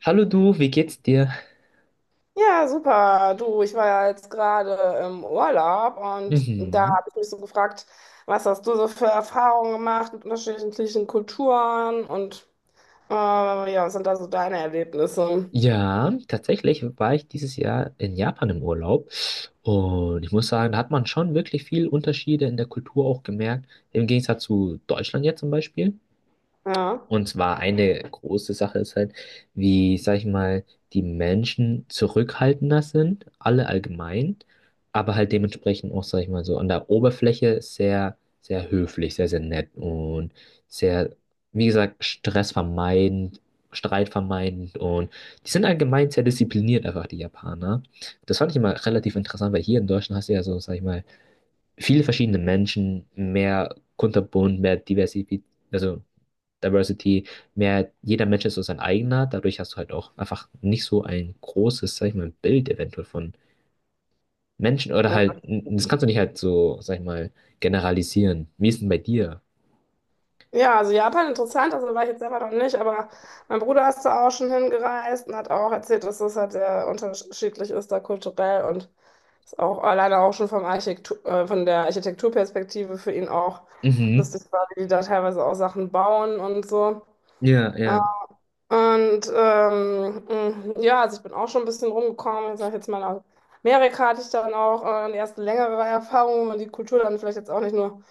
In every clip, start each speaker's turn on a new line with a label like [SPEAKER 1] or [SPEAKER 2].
[SPEAKER 1] Hallo du, wie geht's dir?
[SPEAKER 2] Ja, super. Du, ich war ja jetzt gerade im Urlaub und da
[SPEAKER 1] Mhm.
[SPEAKER 2] habe ich mich so gefragt, was hast du so für Erfahrungen gemacht mit unterschiedlichen Kulturen und ja, was sind da so deine Erlebnisse?
[SPEAKER 1] Ja, tatsächlich war ich dieses Jahr in Japan im Urlaub und ich muss sagen, da hat man schon wirklich viel Unterschiede in der Kultur auch gemerkt, im Gegensatz zu Deutschland jetzt zum Beispiel.
[SPEAKER 2] Ja,
[SPEAKER 1] Und zwar eine große Sache ist halt, wie, sag ich mal, die Menschen zurückhaltender sind, alle allgemein, aber halt dementsprechend auch, sag ich mal, so an der Oberfläche sehr, sehr höflich, sehr, sehr nett und sehr, wie gesagt, stressvermeidend, streitvermeidend und die sind allgemein sehr diszipliniert, einfach die Japaner. Das fand ich immer relativ interessant, weil hier in Deutschland hast du ja so, sag ich mal, viele verschiedene Menschen, mehr kunterbunt, mehr Diversität, also Diversity, mehr jeder Mensch ist so sein eigener. Dadurch hast du halt auch einfach nicht so ein großes, sag ich mal, Bild eventuell von Menschen oder
[SPEAKER 2] ja.
[SPEAKER 1] halt, das kannst du nicht halt so, sag ich mal, generalisieren. Wie ist denn bei dir?
[SPEAKER 2] Ja, also Japan interessant, also war ich jetzt selber noch nicht, aber mein Bruder ist da auch schon hingereist und hat auch erzählt, dass das halt sehr unterschiedlich ist da kulturell und ist auch alleine auch schon von der Architekturperspektive für ihn auch
[SPEAKER 1] Mhm.
[SPEAKER 2] lustig war, wie die da teilweise auch Sachen bauen und so.
[SPEAKER 1] Ja, ja.
[SPEAKER 2] Und ja, also ich bin auch schon ein bisschen rumgekommen. Ich sage jetzt mal, aus Amerika hatte ich dann auch eine erste längere Erfahrung, wo man die Kultur dann vielleicht jetzt auch nicht nur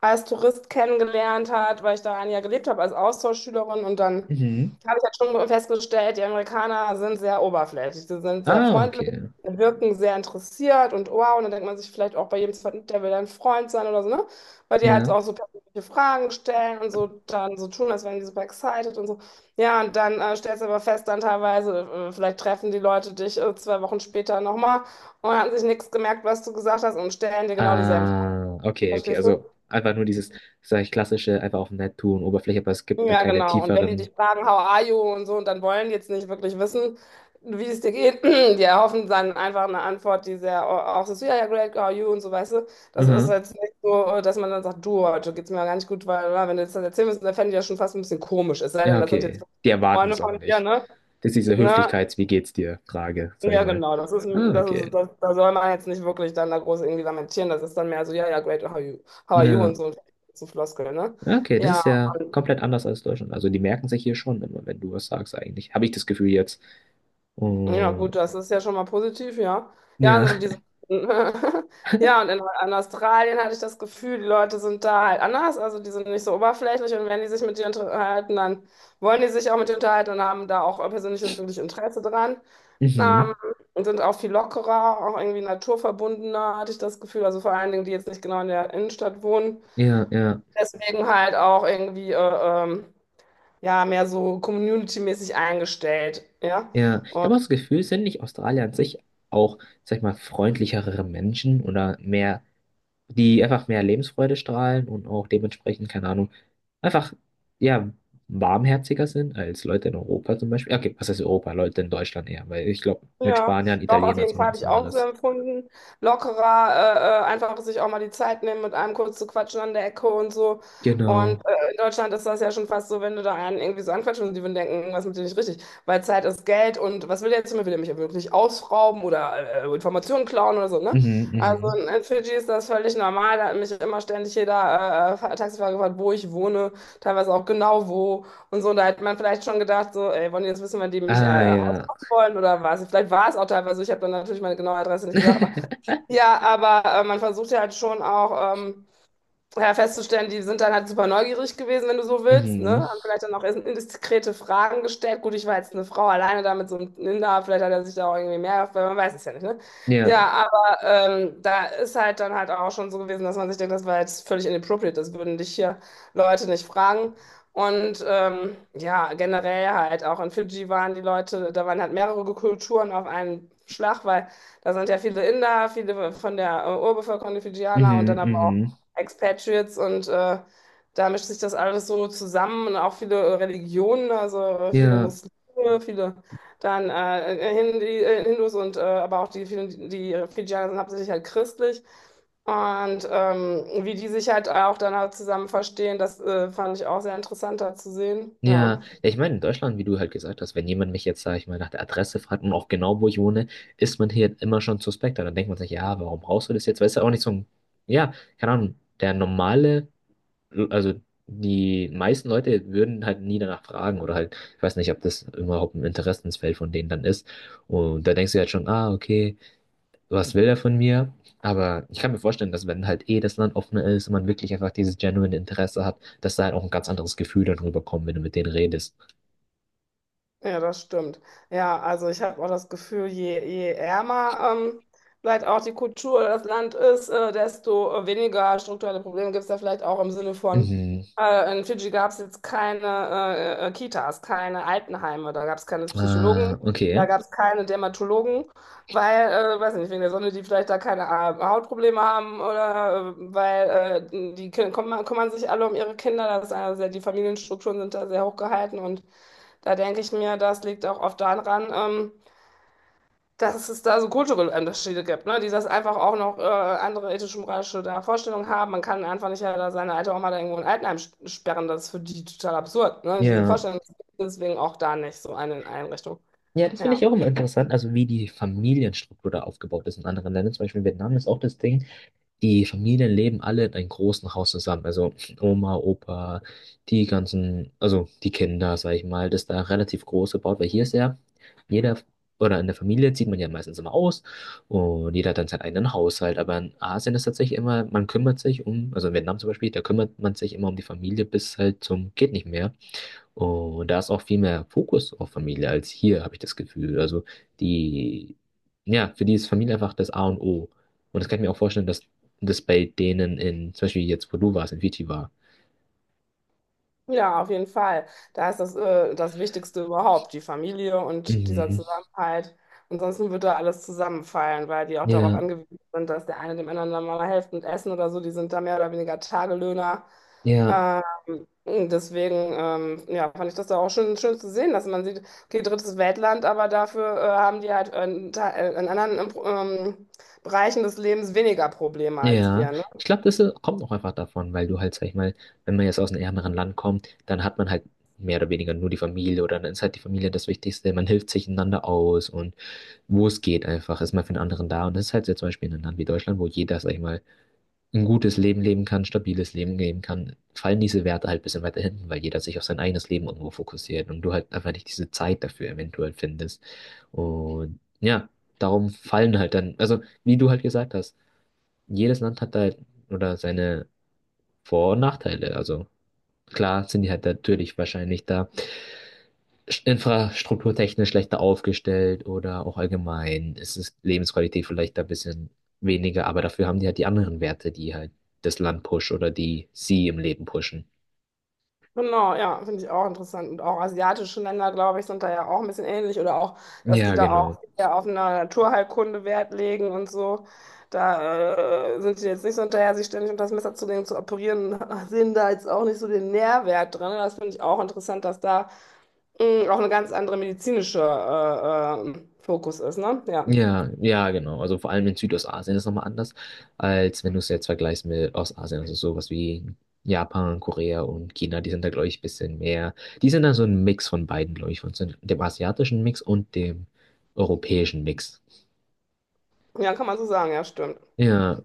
[SPEAKER 2] als Tourist kennengelernt hat, weil ich da ein Jahr gelebt habe als Austauschschülerin. Und dann
[SPEAKER 1] Mhm.
[SPEAKER 2] habe ich halt schon festgestellt, die Amerikaner sind sehr oberflächlich, sie sind sehr
[SPEAKER 1] Ah,
[SPEAKER 2] freundlich,
[SPEAKER 1] okay.
[SPEAKER 2] wirken sehr interessiert und wow. Und dann denkt man sich vielleicht auch bei jedem zweiten, der will dein Freund sein oder so, ne? Weil die halt
[SPEAKER 1] Ja.
[SPEAKER 2] auch so persönliche Fragen stellen und so dann so tun, als wären die super excited und so. Ja, und dann stellst du aber fest, dann teilweise, vielleicht treffen die Leute dich 2 Wochen später nochmal und haben sich nichts gemerkt, was du gesagt hast und stellen dir genau dieselben Fragen,
[SPEAKER 1] Ah, okay, okay.
[SPEAKER 2] verstehst du?
[SPEAKER 1] Also einfach nur dieses, sag ich, klassische, einfach auf nett tun, Oberfläche, aber es gibt da
[SPEAKER 2] Ja,
[SPEAKER 1] keine
[SPEAKER 2] genau. Und wenn die
[SPEAKER 1] tieferen.
[SPEAKER 2] dich fragen, how are you und so, und dann wollen die jetzt nicht wirklich wissen, wie es dir geht, die erhoffen dann einfach eine Antwort, die sehr auch so, ist, ja, ja, great, how are you und so, weißt du? Das ist
[SPEAKER 1] Mhm.
[SPEAKER 2] jetzt nicht so, dass man dann sagt, du, heute geht's mir gar nicht gut, weil, na, wenn du jetzt das erzählen müsstest, dann fände ich ja schon fast ein bisschen komisch, es sei
[SPEAKER 1] Ja,
[SPEAKER 2] denn, das sind jetzt
[SPEAKER 1] okay. Die erwarten
[SPEAKER 2] Freunde
[SPEAKER 1] das auch
[SPEAKER 2] von dir,
[SPEAKER 1] nicht.
[SPEAKER 2] ne?
[SPEAKER 1] Das ist diese
[SPEAKER 2] Ne?
[SPEAKER 1] Höflichkeits-Wie geht's dir? Frage, sag ich
[SPEAKER 2] Ja,
[SPEAKER 1] mal.
[SPEAKER 2] genau, das ist, ein-
[SPEAKER 1] Ah,
[SPEAKER 2] das ist,
[SPEAKER 1] okay.
[SPEAKER 2] das, da soll man jetzt nicht wirklich dann da groß irgendwie lamentieren, das ist dann mehr so, ja, ja, great, how are you
[SPEAKER 1] Ja,
[SPEAKER 2] und so, so Floskel, ne?
[SPEAKER 1] okay, das
[SPEAKER 2] Ja,
[SPEAKER 1] ist ja komplett anders als Deutschland. Also die merken sich hier schon immer, wenn du was sagst eigentlich. Habe ich das Gefühl jetzt.
[SPEAKER 2] Ja,
[SPEAKER 1] Oh,
[SPEAKER 2] gut, das ist ja schon mal positiv, ja. Ja,
[SPEAKER 1] ja,
[SPEAKER 2] ja, und in Australien hatte ich das Gefühl, die Leute sind da halt anders, also die sind nicht so oberflächlich und wenn die sich mit dir unterhalten, dann wollen die sich auch mit dir unterhalten und haben da auch persönliches wirklich Interesse dran.
[SPEAKER 1] mhm.
[SPEAKER 2] Ähm, und sind auch viel lockerer, auch irgendwie naturverbundener, hatte ich das Gefühl. Also vor allen Dingen, die jetzt nicht genau in der Innenstadt wohnen.
[SPEAKER 1] Ja, ja,
[SPEAKER 2] Deswegen halt auch irgendwie ähm, ja, mehr so community-mäßig eingestellt. Ja.
[SPEAKER 1] ja. Ich habe auch das Gefühl, sind nicht Australier an sich auch, sag ich mal, freundlichere Menschen oder mehr, die einfach mehr Lebensfreude strahlen und auch dementsprechend, keine Ahnung, einfach, ja, warmherziger sind als Leute in Europa zum Beispiel. Okay, was heißt Europa? Leute in Deutschland eher, weil ich glaube, mit
[SPEAKER 2] Ja,
[SPEAKER 1] Spaniern,
[SPEAKER 2] doch, auf
[SPEAKER 1] Italienern
[SPEAKER 2] jeden
[SPEAKER 1] ist auch
[SPEAKER 2] Fall
[SPEAKER 1] noch
[SPEAKER 2] habe
[SPEAKER 1] was
[SPEAKER 2] ich auch so
[SPEAKER 1] anderes.
[SPEAKER 2] empfunden. Lockerer, einfach sich auch mal die Zeit nehmen, mit einem kurz zu quatschen an der Ecke und so. Und
[SPEAKER 1] Genau.
[SPEAKER 2] in Deutschland ist das ja schon fast so, wenn du da einen irgendwie so anquatschst und die würden denken, irgendwas mit dir nicht richtig. Weil Zeit ist Geld und was will der jetzt von mir? Will der mich ja wirklich ausrauben oder Informationen klauen oder so, ne?
[SPEAKER 1] Mhm,
[SPEAKER 2] Also
[SPEAKER 1] mhm.
[SPEAKER 2] in Fidschi ist das völlig normal. Da hat mich immer ständig jeder Taxifahrer gefragt, wo ich wohne, teilweise auch genau wo und so. Und da hätte man vielleicht schon gedacht, so, ey, wollen die jetzt wissen, wenn die mich
[SPEAKER 1] Ah, ja.
[SPEAKER 2] wollen oder was. Vielleicht war es auch teilweise so, ich habe dann natürlich meine genaue Adresse nicht gesagt, aber ja, aber man versucht ja halt schon auch, ja, festzustellen, die sind dann halt super neugierig gewesen, wenn du so willst, ne?
[SPEAKER 1] Mhm.
[SPEAKER 2] Haben vielleicht dann auch erst indiskrete Fragen gestellt. Gut, ich war jetzt eine Frau alleine da mit so einem Inder, vielleicht hat er sich da auch irgendwie mehr, weil man weiß es ja nicht, ne?
[SPEAKER 1] Ja.
[SPEAKER 2] Ja, aber da ist halt dann halt auch schon so gewesen, dass man sich denkt, das war jetzt völlig inappropriate, das würden dich hier Leute nicht fragen. Und ja, generell halt auch in Fidschi waren die Leute, da waren halt mehrere Kulturen auf einen Schlag, weil da sind ja viele Inder, viele von der Urbevölkerung, die Fidschianer und
[SPEAKER 1] Mhm,
[SPEAKER 2] dann aber auch
[SPEAKER 1] mhm.
[SPEAKER 2] Expatriates und da mischt sich das alles so zusammen und auch viele Religionen, also viele
[SPEAKER 1] Ja.
[SPEAKER 2] Muslime, viele dann Hindus und aber auch die vielen, die Fidschaner sind hauptsächlich halt christlich. Und wie die sich halt auch dann halt zusammen verstehen, das fand ich auch sehr interessant da zu sehen.
[SPEAKER 1] Ja,
[SPEAKER 2] Ja.
[SPEAKER 1] ja, ich meine, in Deutschland, wie du halt gesagt hast, wenn jemand mich jetzt, sag ich mal, nach der Adresse fragt und auch genau, wo ich wohne, ist man hier immer schon suspekter. Dann denkt man sich, ja, warum brauchst du das jetzt? Weißt du, auch nicht so ein, ja, keine Ahnung, der normale, also die meisten Leute würden halt nie danach fragen oder halt, ich weiß nicht, ob das überhaupt ein Interessensfeld von denen dann ist. Und da denkst du halt schon, ah, okay. Was will er von mir? Aber ich kann mir vorstellen, dass wenn halt eh das Land offener ist und man wirklich einfach dieses genuine Interesse hat, dass da halt auch ein ganz anderes Gefühl dann rüberkommt, wenn du mit denen redest.
[SPEAKER 2] Ja, das stimmt. Ja, also ich habe auch das Gefühl, je ärmer vielleicht auch die Kultur oder das Land ist, desto weniger strukturelle Probleme gibt es da vielleicht auch im Sinne von,
[SPEAKER 1] Mhm.
[SPEAKER 2] in Fidschi gab es jetzt keine Kitas, keine Altenheime, da gab es keine Psychologen,
[SPEAKER 1] Ah,
[SPEAKER 2] da
[SPEAKER 1] okay.
[SPEAKER 2] gab es keine Dermatologen, weil, weiß nicht, wegen der Sonne, die vielleicht da keine Hautprobleme haben oder weil die Kinder kümmern sich alle um ihre Kinder, das ist eine sehr, die Familienstrukturen sind da sehr hochgehalten und da denke ich mir, das liegt auch oft daran, dass es da so kulturelle Unterschiede gibt, ne? Die das einfach auch noch andere ethisch-moralische da Vorstellungen haben. Man kann einfach nicht ja, da seine alte Oma da irgendwo in Altenheim sperren. Das ist für die total absurd, ne? Diese
[SPEAKER 1] Ja.
[SPEAKER 2] Vorstellung ist deswegen auch da nicht so eine Einrichtung.
[SPEAKER 1] Ja, das finde ich
[SPEAKER 2] Ja.
[SPEAKER 1] auch immer interessant, also wie die Familienstruktur da aufgebaut ist in anderen Ländern. Zum Beispiel in Vietnam ist auch das Ding, die Familien leben alle in einem großen Haus zusammen. Also Oma, Opa, die ganzen, also die Kinder, sag ich mal, das ist da relativ groß gebaut, weil hier ist ja jeder, oder in der Familie zieht man ja meistens immer aus und jeder hat dann seinen eigenen Haushalt. Aber in Asien ist tatsächlich immer, man kümmert sich um, also in Vietnam zum Beispiel, da kümmert man sich immer um die Familie bis halt zum geht nicht mehr und da ist auch viel mehr Fokus auf Familie als hier, habe ich das Gefühl. Also die, ja, für die ist Familie einfach das A und O. Und das kann ich mir auch vorstellen, dass das bei denen in, zum Beispiel jetzt, wo du warst, in Fiji war.
[SPEAKER 2] Ja, auf jeden Fall. Da ist das Wichtigste überhaupt, die Familie und dieser
[SPEAKER 1] Mhm.
[SPEAKER 2] Zusammenhalt. Ansonsten wird da alles zusammenfallen, weil die auch darauf
[SPEAKER 1] Ja,
[SPEAKER 2] angewiesen sind, dass der eine dem anderen dann mal hilft und essen oder so. Die sind da mehr oder weniger Tagelöhner.
[SPEAKER 1] ja,
[SPEAKER 2] Ähm, deswegen, ja, fand ich das da auch schön, schön zu sehen, dass man sieht, okay, drittes Weltland, aber dafür haben die halt in anderen Bereichen des Lebens weniger Probleme als
[SPEAKER 1] ja.
[SPEAKER 2] wir, ne?
[SPEAKER 1] Ich glaube, das kommt auch einfach davon, weil du halt, sag ich mal, wenn man jetzt aus einem ärmeren Land kommt, dann hat man halt mehr oder weniger nur die Familie oder dann ist halt die Familie das Wichtigste. Man hilft sich einander aus und wo es geht einfach, ist man für den anderen da. Und das ist halt jetzt zum Beispiel in einem Land wie Deutschland, wo jeder, sag ich mal, ein gutes Leben leben kann, stabiles Leben leben kann, fallen diese Werte halt ein bisschen weiter hinten, weil jeder sich auf sein eigenes Leben irgendwo fokussiert und du halt einfach nicht diese Zeit dafür eventuell findest. Und ja, darum fallen halt dann, also wie du halt gesagt hast, jedes Land hat halt oder seine Vor- und Nachteile. Also klar sind die halt natürlich wahrscheinlich da infrastrukturtechnisch schlechter aufgestellt oder auch allgemein ist es Lebensqualität vielleicht ein bisschen weniger, aber dafür haben die halt die anderen Werte, die halt das Land pushen oder die sie im Leben pushen.
[SPEAKER 2] Genau, ja, finde ich auch interessant. Und auch asiatische Länder, glaube ich, sind da ja auch ein bisschen ähnlich oder auch, dass die
[SPEAKER 1] Ja,
[SPEAKER 2] da auch
[SPEAKER 1] genau.
[SPEAKER 2] eher auf eine Naturheilkunde Wert legen und so. Da sind die jetzt nicht so hinterher, sich ständig unter das Messer zu legen, zu operieren, sehen da jetzt auch nicht so den Nährwert drin. Das finde ich auch interessant, dass da auch eine ganz andere medizinische Fokus ist, ne? Ja.
[SPEAKER 1] Ja, ja, genau. Also vor allem in Südostasien ist es nochmal anders, als wenn du es jetzt vergleichst mit Ostasien. Also sowas wie Japan, Korea und China, die sind da, glaube ich, ein bisschen mehr. Die sind da so ein Mix von beiden, glaube ich, von so dem asiatischen Mix und dem europäischen Mix.
[SPEAKER 2] Ja, kann man so sagen, ja, stimmt.
[SPEAKER 1] Ja.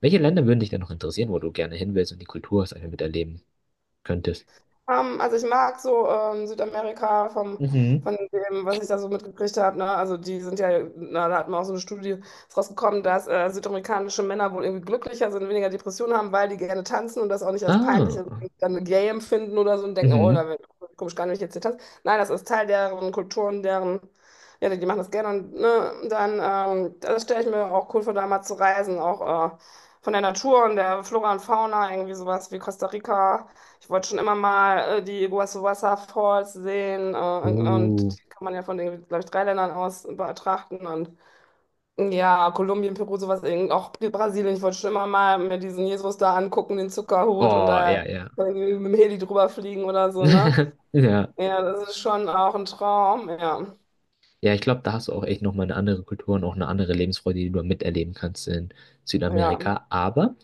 [SPEAKER 1] Welche Länder würden dich denn noch interessieren, wo du gerne hin willst und die Kultur hast, einfach miterleben könntest?
[SPEAKER 2] Also ich mag so Südamerika
[SPEAKER 1] Mhm.
[SPEAKER 2] von dem, was ich da so mitgekriegt habe. Ne? Also die sind ja, na, da hat man auch so eine Studie ist rausgekommen, dass südamerikanische Männer wohl irgendwie glücklicher sind, weniger Depressionen haben, weil die gerne tanzen und das auch nicht als peinlich
[SPEAKER 1] Ah.
[SPEAKER 2] und dann gay empfinden oder so und denken, oh,
[SPEAKER 1] Mhm.
[SPEAKER 2] da wird komisch gar nicht wenn ich jetzt hier tanzen. Nein, das ist Teil deren Kulturen, deren, ja, die machen das gerne und ne, dann, das stelle ich mir auch cool vor, da mal zu reisen, auch von der Natur und der Flora und Fauna, irgendwie sowas wie Costa Rica. Ich wollte schon immer mal die Iguazu Waterfalls sehen und
[SPEAKER 1] Uh.
[SPEAKER 2] die kann man ja von den, glaube ich, drei Ländern aus betrachten und ja, Kolumbien, Peru, sowas, eben auch Brasilien. Ich wollte schon immer mal mir diesen Jesus da angucken, den Zuckerhut und
[SPEAKER 1] Oh,
[SPEAKER 2] da
[SPEAKER 1] ja, ja.
[SPEAKER 2] irgendwie mit dem Heli drüber fliegen oder so, ne?
[SPEAKER 1] Ja.
[SPEAKER 2] Ja, das ist schon auch ein Traum, ja.
[SPEAKER 1] Ja, ich glaube, da hast du auch echt nochmal eine andere Kultur und auch eine andere Lebensfreude, die du miterleben kannst in
[SPEAKER 2] Ja,
[SPEAKER 1] Südamerika. Aber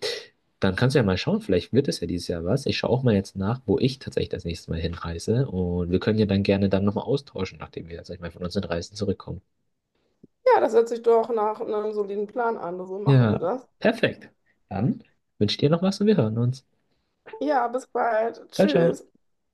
[SPEAKER 1] dann kannst du ja mal schauen, vielleicht wird es ja dieses Jahr was. Ich schaue auch mal jetzt nach, wo ich tatsächlich das nächste Mal hinreise. Und wir können ja dann gerne dann nochmal austauschen, nachdem wir, sag ich mal, von unseren Reisen zurückkommen.
[SPEAKER 2] ja, das hört sich doch nach einem soliden Plan an. So machen wir
[SPEAKER 1] Ja,
[SPEAKER 2] das.
[SPEAKER 1] perfekt. Dann wünsche ich dir noch was und wir hören uns.
[SPEAKER 2] Ja, bis bald.
[SPEAKER 1] Ciao, ciao.
[SPEAKER 2] Tschüss.